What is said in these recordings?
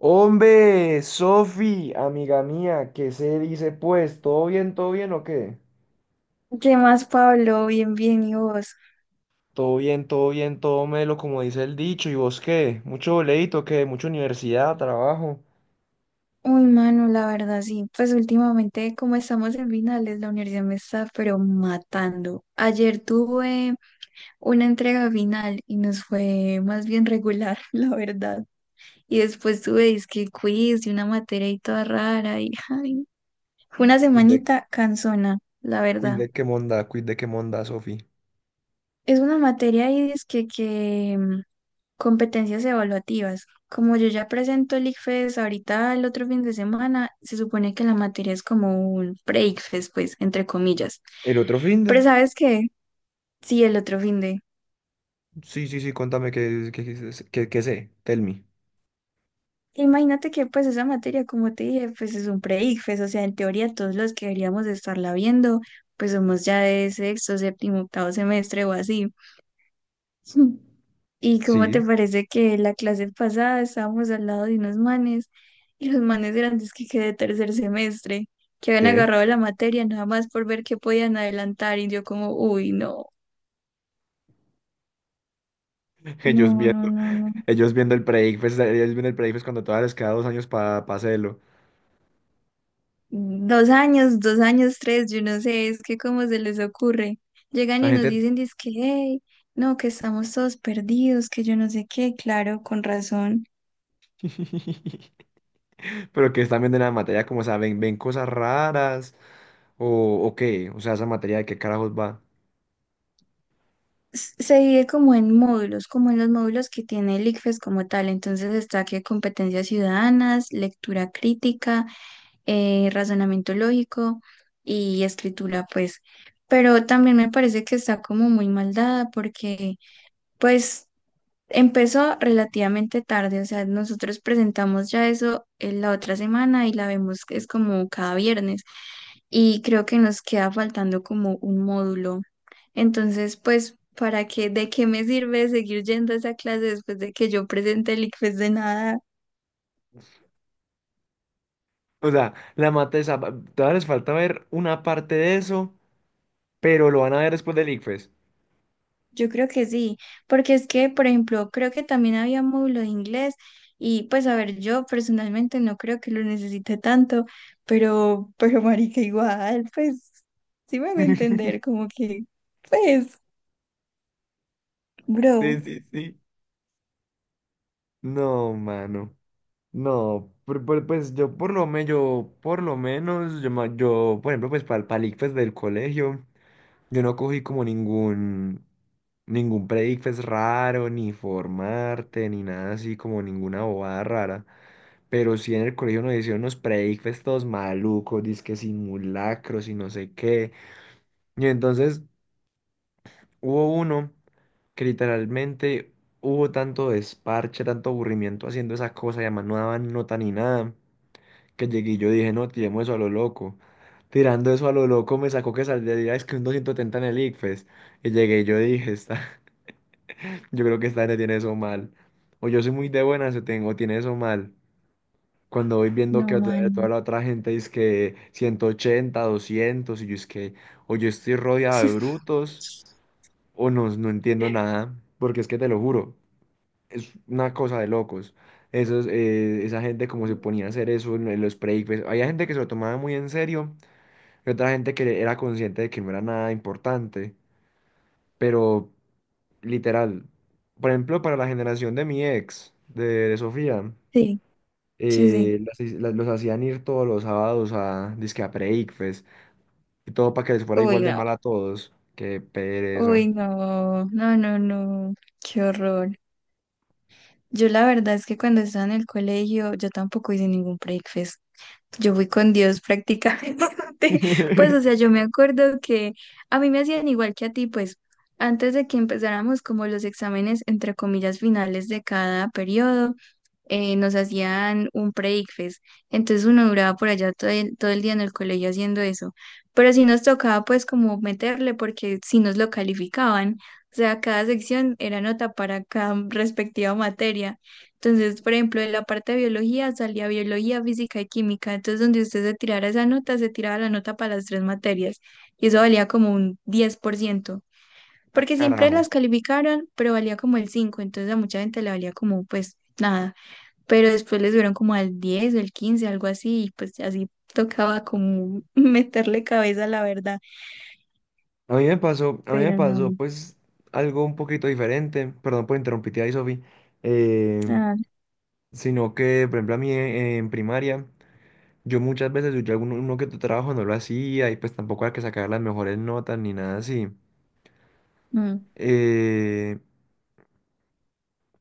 Hombre, Sofi, amiga mía, ¿qué se dice pues? Todo bien o qué? ¿Qué más, Pablo? Bien, bien, ¿y vos? Todo bien, todo bien, todo melo, como dice el dicho. ¿Y vos qué? ¿Mucho boleto, qué? ¿Mucha universidad, trabajo? Uy, mano, la verdad, sí. Pues últimamente, como estamos en finales, la universidad me está, pero matando. Ayer tuve una entrega final y nos fue más bien regular, la verdad. Y después tuve disque quiz y una materia y toda rara y ay, fue una Cuide, semanita cansona, la verdad. Cuide qué monda, Sofi. Es una materia y disque que competencias evaluativas. Como yo ya presento el ICFES ahorita el otro fin de semana, se supone que la materia es como un pre-ICFES, pues, entre comillas. ¿El otro fin Pero de? ¿sabes qué? Sí, el otro fin de... Sí, sí, sí, contame qué sé, tell me. Imagínate que pues esa materia, como te dije, pues es un pre-ICFES, o sea, en teoría todos los que deberíamos de estarla viendo, pues somos ya de sexto, séptimo, octavo semestre o así. ¿Y cómo Sí, te parece que la clase pasada estábamos al lado de unos manes y los manes grandes que quedé de tercer semestre, que habían ¿qué? agarrado la materia nada más por ver qué podían adelantar y yo como, uy, no, Ellos no, viendo, no, no, no. ellos viendo el pre cuando todavía les queda 2 años para hacerlo. Dos años, tres, yo no sé, es que cómo se les ocurre. Llegan Esa y nos gente... dicen, dizque, hey, no, que estamos todos perdidos, que yo no sé qué, claro, con razón. Pero que están viendo en la materia como, o sea, ven cosas raras o qué, o sea, esa materia de qué carajos va. Se divide como en módulos, como en los módulos que tiene el ICFES como tal. Entonces está que competencias ciudadanas, lectura crítica, razonamiento lógico y escritura, pues. Pero también me parece que está como muy mal dada porque, pues, empezó relativamente tarde. O sea, nosotros presentamos ya eso en la otra semana y la vemos que es como cada viernes. Y creo que nos queda faltando como un módulo, entonces, pues, ¿para qué, de qué me sirve seguir yendo a esa clase después de que yo presente el ICFES, de nada? O sea, todavía les falta ver una parte de eso, pero lo van a ver después del ICFES. Yo creo que sí, porque es que, por ejemplo, creo que también había módulo de inglés y pues, a ver, yo personalmente no creo que lo necesite tanto, pero, marica, igual, pues, sí me voy a entender, como que, pues, bro, Sí, sí, sí. No, mano. No, pues yo por lo menos, yo por lo menos, yo, ma- yo, por ejemplo, pues para el ICFES del colegio, yo no cogí como ningún pre-ICFES raro, ni formarte, ni nada así, como ninguna bobada rara. Pero sí en el colegio nos hicieron unos predicfes todos malucos, disque simulacros y no sé qué. Y entonces hubo uno que literalmente hubo tanto desparche, tanto aburrimiento haciendo esa cosa, y además no daban nota ni nada, que llegué y yo dije, no, tiremos eso a lo loco. Tirando eso a lo loco me sacó que saldría es que un 270 en el ICFES. Y llegué y yo dije, está, yo creo que esta gente tiene eso mal. O yo soy muy de buenas o tiene eso mal. Cuando voy viendo que no, toda man, la otra gente dice que 180 200 y yo es que o yo estoy rodeado de brutos o no, no entiendo nada, porque es que te lo juro, es una cosa de locos. Esos, esa gente como se ponía a hacer eso en los breaks, había gente que se lo tomaba muy en serio y otra gente que era consciente de que no era nada importante, pero literal, por ejemplo, para la generación de mi ex, de Sofía. sí, sí, sí. Las los hacían ir todos los sábados a disque a pre-ICFES y todo para que les fuera Uy, igual de no, mal a todos. Qué pereza. uy, no, no, no, no, qué horror. Yo la verdad es que cuando estaba en el colegio yo tampoco hice ningún breakfast. Yo fui con Dios prácticamente. Pues o sea, yo me acuerdo que a mí me hacían igual que a ti, pues antes de que empezáramos como los exámenes entre comillas finales de cada periodo, nos hacían un breakfast. Entonces uno duraba por allá todo el día en el colegio haciendo eso. Pero sí nos tocaba pues como meterle porque sí nos lo calificaban. O sea, cada sección era nota para cada respectiva materia. Entonces, por ejemplo, en la parte de biología salía biología, física y química. Entonces, donde usted se tirara esa nota, se tiraba la nota para las tres materias. Y eso valía como un diez por ciento. Ah, Porque siempre carajo. las calificaron, pero valía como el cinco. Entonces a mucha gente le valía como pues nada, pero después le subieron como al 10, o el 15, algo así, y pues así tocaba como meterle cabeza a la verdad, A mí me pero pasó no, pues algo un poquito diferente, perdón por interrumpirte ahí, Sofi, eh, ah, sino que, por ejemplo, a mí en primaria, yo muchas veces, yo alguno uno que tu trabajo no lo hacía y pues tampoco era que sacar las mejores notas ni nada así. no. Eh,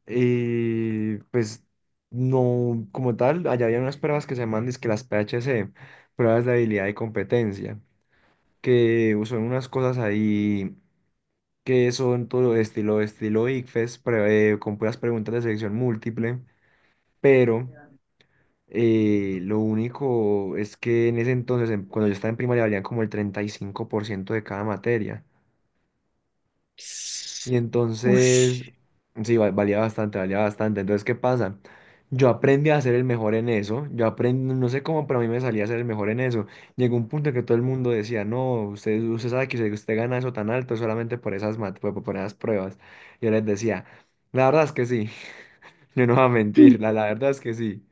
Y pues no, como tal, allá había unas pruebas que se llaman que las PHC, pruebas de habilidad y competencia, que son unas cosas ahí que son todo estilo, estilo ICFES, con puras preguntas de selección múltiple, pero lo único es que en ese entonces, cuando yo estaba en primaria, valían como el 35% de cada materia. Y Ush. entonces, sí, valía bastante, valía bastante. Entonces, ¿qué pasa? Yo aprendí a ser el mejor en eso. Yo aprendí, no sé cómo, pero a mí me salía a ser el mejor en eso. Llegó un punto en que todo el mundo decía, no, usted sabe que usted gana eso tan alto es solamente por esas, por esas pruebas. Yo les decía, la verdad es que sí, yo no voy a mentir, la verdad es que sí.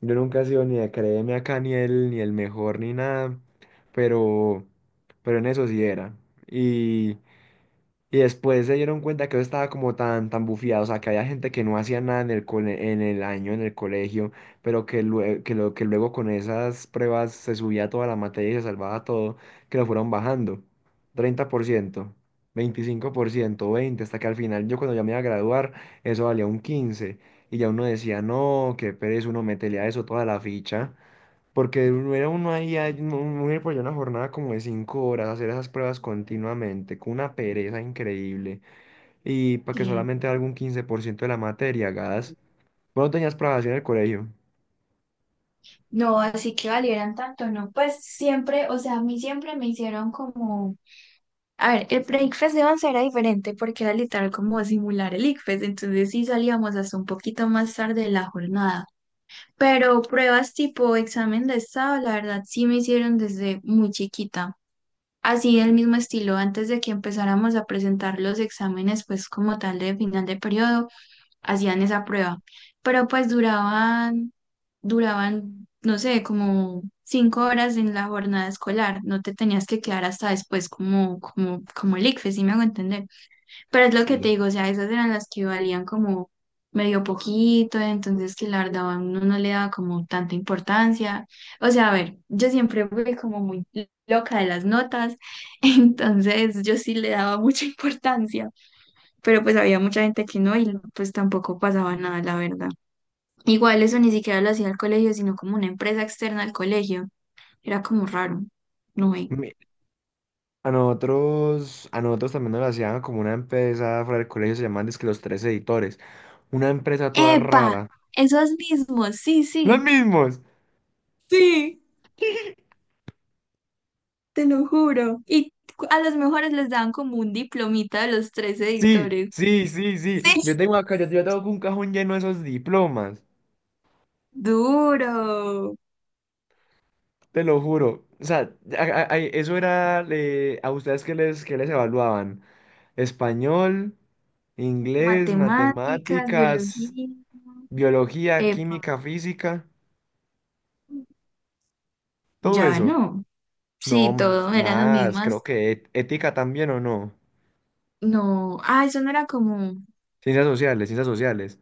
Yo nunca he sido ni de créeme acá, ni el mejor, ni nada, pero, pero en eso sí era. Y después se dieron cuenta que eso estaba como tan bufiado, o sea, que había gente que no hacía nada en el en el año, en el colegio, pero que luego con esas pruebas se subía toda la materia y se salvaba todo, que lo fueron bajando. 30%, 25%, 20%, hasta que al final yo cuando ya me iba a graduar, eso valía un 15%. Y ya uno decía, no, qué pereza, uno métele a eso toda la ficha. Porque uno era uno ahí, ahí, uno uno ir por allá una jornada como de 5 horas, hacer esas pruebas continuamente, con una pereza increíble, y para que Sí. solamente algún 15% de la materia hagas. Bueno, tenías pruebas así en el colegio. No, así que valieran tanto, ¿no? Pues siempre, o sea, a mí siempre me hicieron como... A ver, el pre-ICFES de 11 era diferente porque era literal como simular el ICFES, entonces sí salíamos hasta un poquito más tarde de la jornada. Pero pruebas tipo examen de estado, la verdad sí me hicieron desde muy chiquita. Así del mismo estilo, antes de que empezáramos a presentar los exámenes, pues como tal de final de periodo, hacían esa prueba. Pero pues duraban, no sé, como cinco horas en la jornada escolar. No te tenías que quedar hasta después como, el ICFES, si me hago entender. Pero es lo que Sí. te digo, o sea, esas eran las que valían como medio poquito, entonces que la verdad a uno no le daba como tanta importancia. O sea, a ver, yo siempre fui como muy loca de las notas, entonces yo sí le daba mucha importancia, pero pues había mucha gente que no y pues tampoco pasaba nada, la verdad. Igual eso ni siquiera lo hacía el colegio, sino como una empresa externa al colegio. Era como raro, no ve. Mi- a nosotros también nos lo hacían como una empresa fuera del colegio, se llamaban dizque los tres editores. Una empresa toda ¡Epa! rara. Esos mismos, sí, ¡Los sí. mismos! Sí, te lo juro. Y a los mejores les daban como un diplomita de los tres Sí, editores. sí, sí, sí. Sí. Yo tengo un cajón lleno de esos diplomas. Duro. Te lo juro. O sea, eso era a ustedes que les evaluaban. Español, inglés, Matemáticas, matemáticas, biología. biología, Epa, química, física, todo ya eso. no. No Sí, todo eran las más, creo mismas. que ética también o no. No. Ah, eso no era como. Ciencias sociales, ciencias sociales.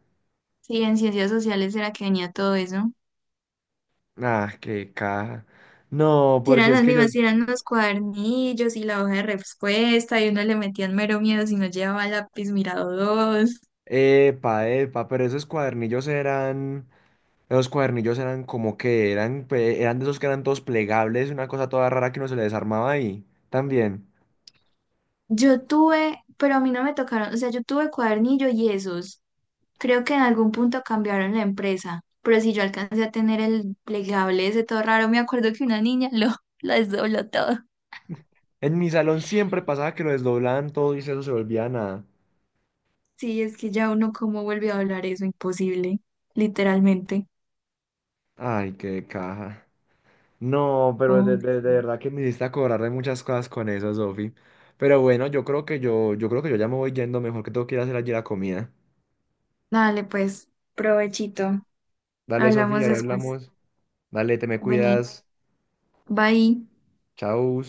Sí, en ciencias sociales era que venía todo eso. Ah, qué caja. No, Sí, porque eran es las que yo... mismas, sí, eran los cuadernillos y la hoja de respuesta, y uno le metían mero miedo si no llevaba lápiz mirador. Epa, epa, pero esos cuadernillos eran... Esos cuadernillos eran como que eran, eran de esos que eran todos plegables, una cosa toda rara que uno se le desarmaba ahí. También. Yo tuve, pero a mí no me tocaron, o sea, yo tuve cuadernillo y esos. Creo que en algún punto cambiaron la empresa, pero si yo alcancé a tener el plegable ese todo raro, me acuerdo que una niña lo, desdobló todo. En mi salón siempre pasaba que lo desdoblaban todo y eso se volvía nada. Sí, es que ya uno cómo vuelve a hablar eso, imposible, literalmente. Ay, qué caja. No, pero Hombre, de sí. verdad que me hiciste acordar de muchas cosas con eso, Sofi. Pero bueno, yo creo que yo ya me voy yendo, mejor que tengo que ir a hacer allí la comida. Dale, pues, provechito. Dale, Sofía, Hablamos ahí después. hablamos. Dale, te me Vení, cuidas. bye. Chau.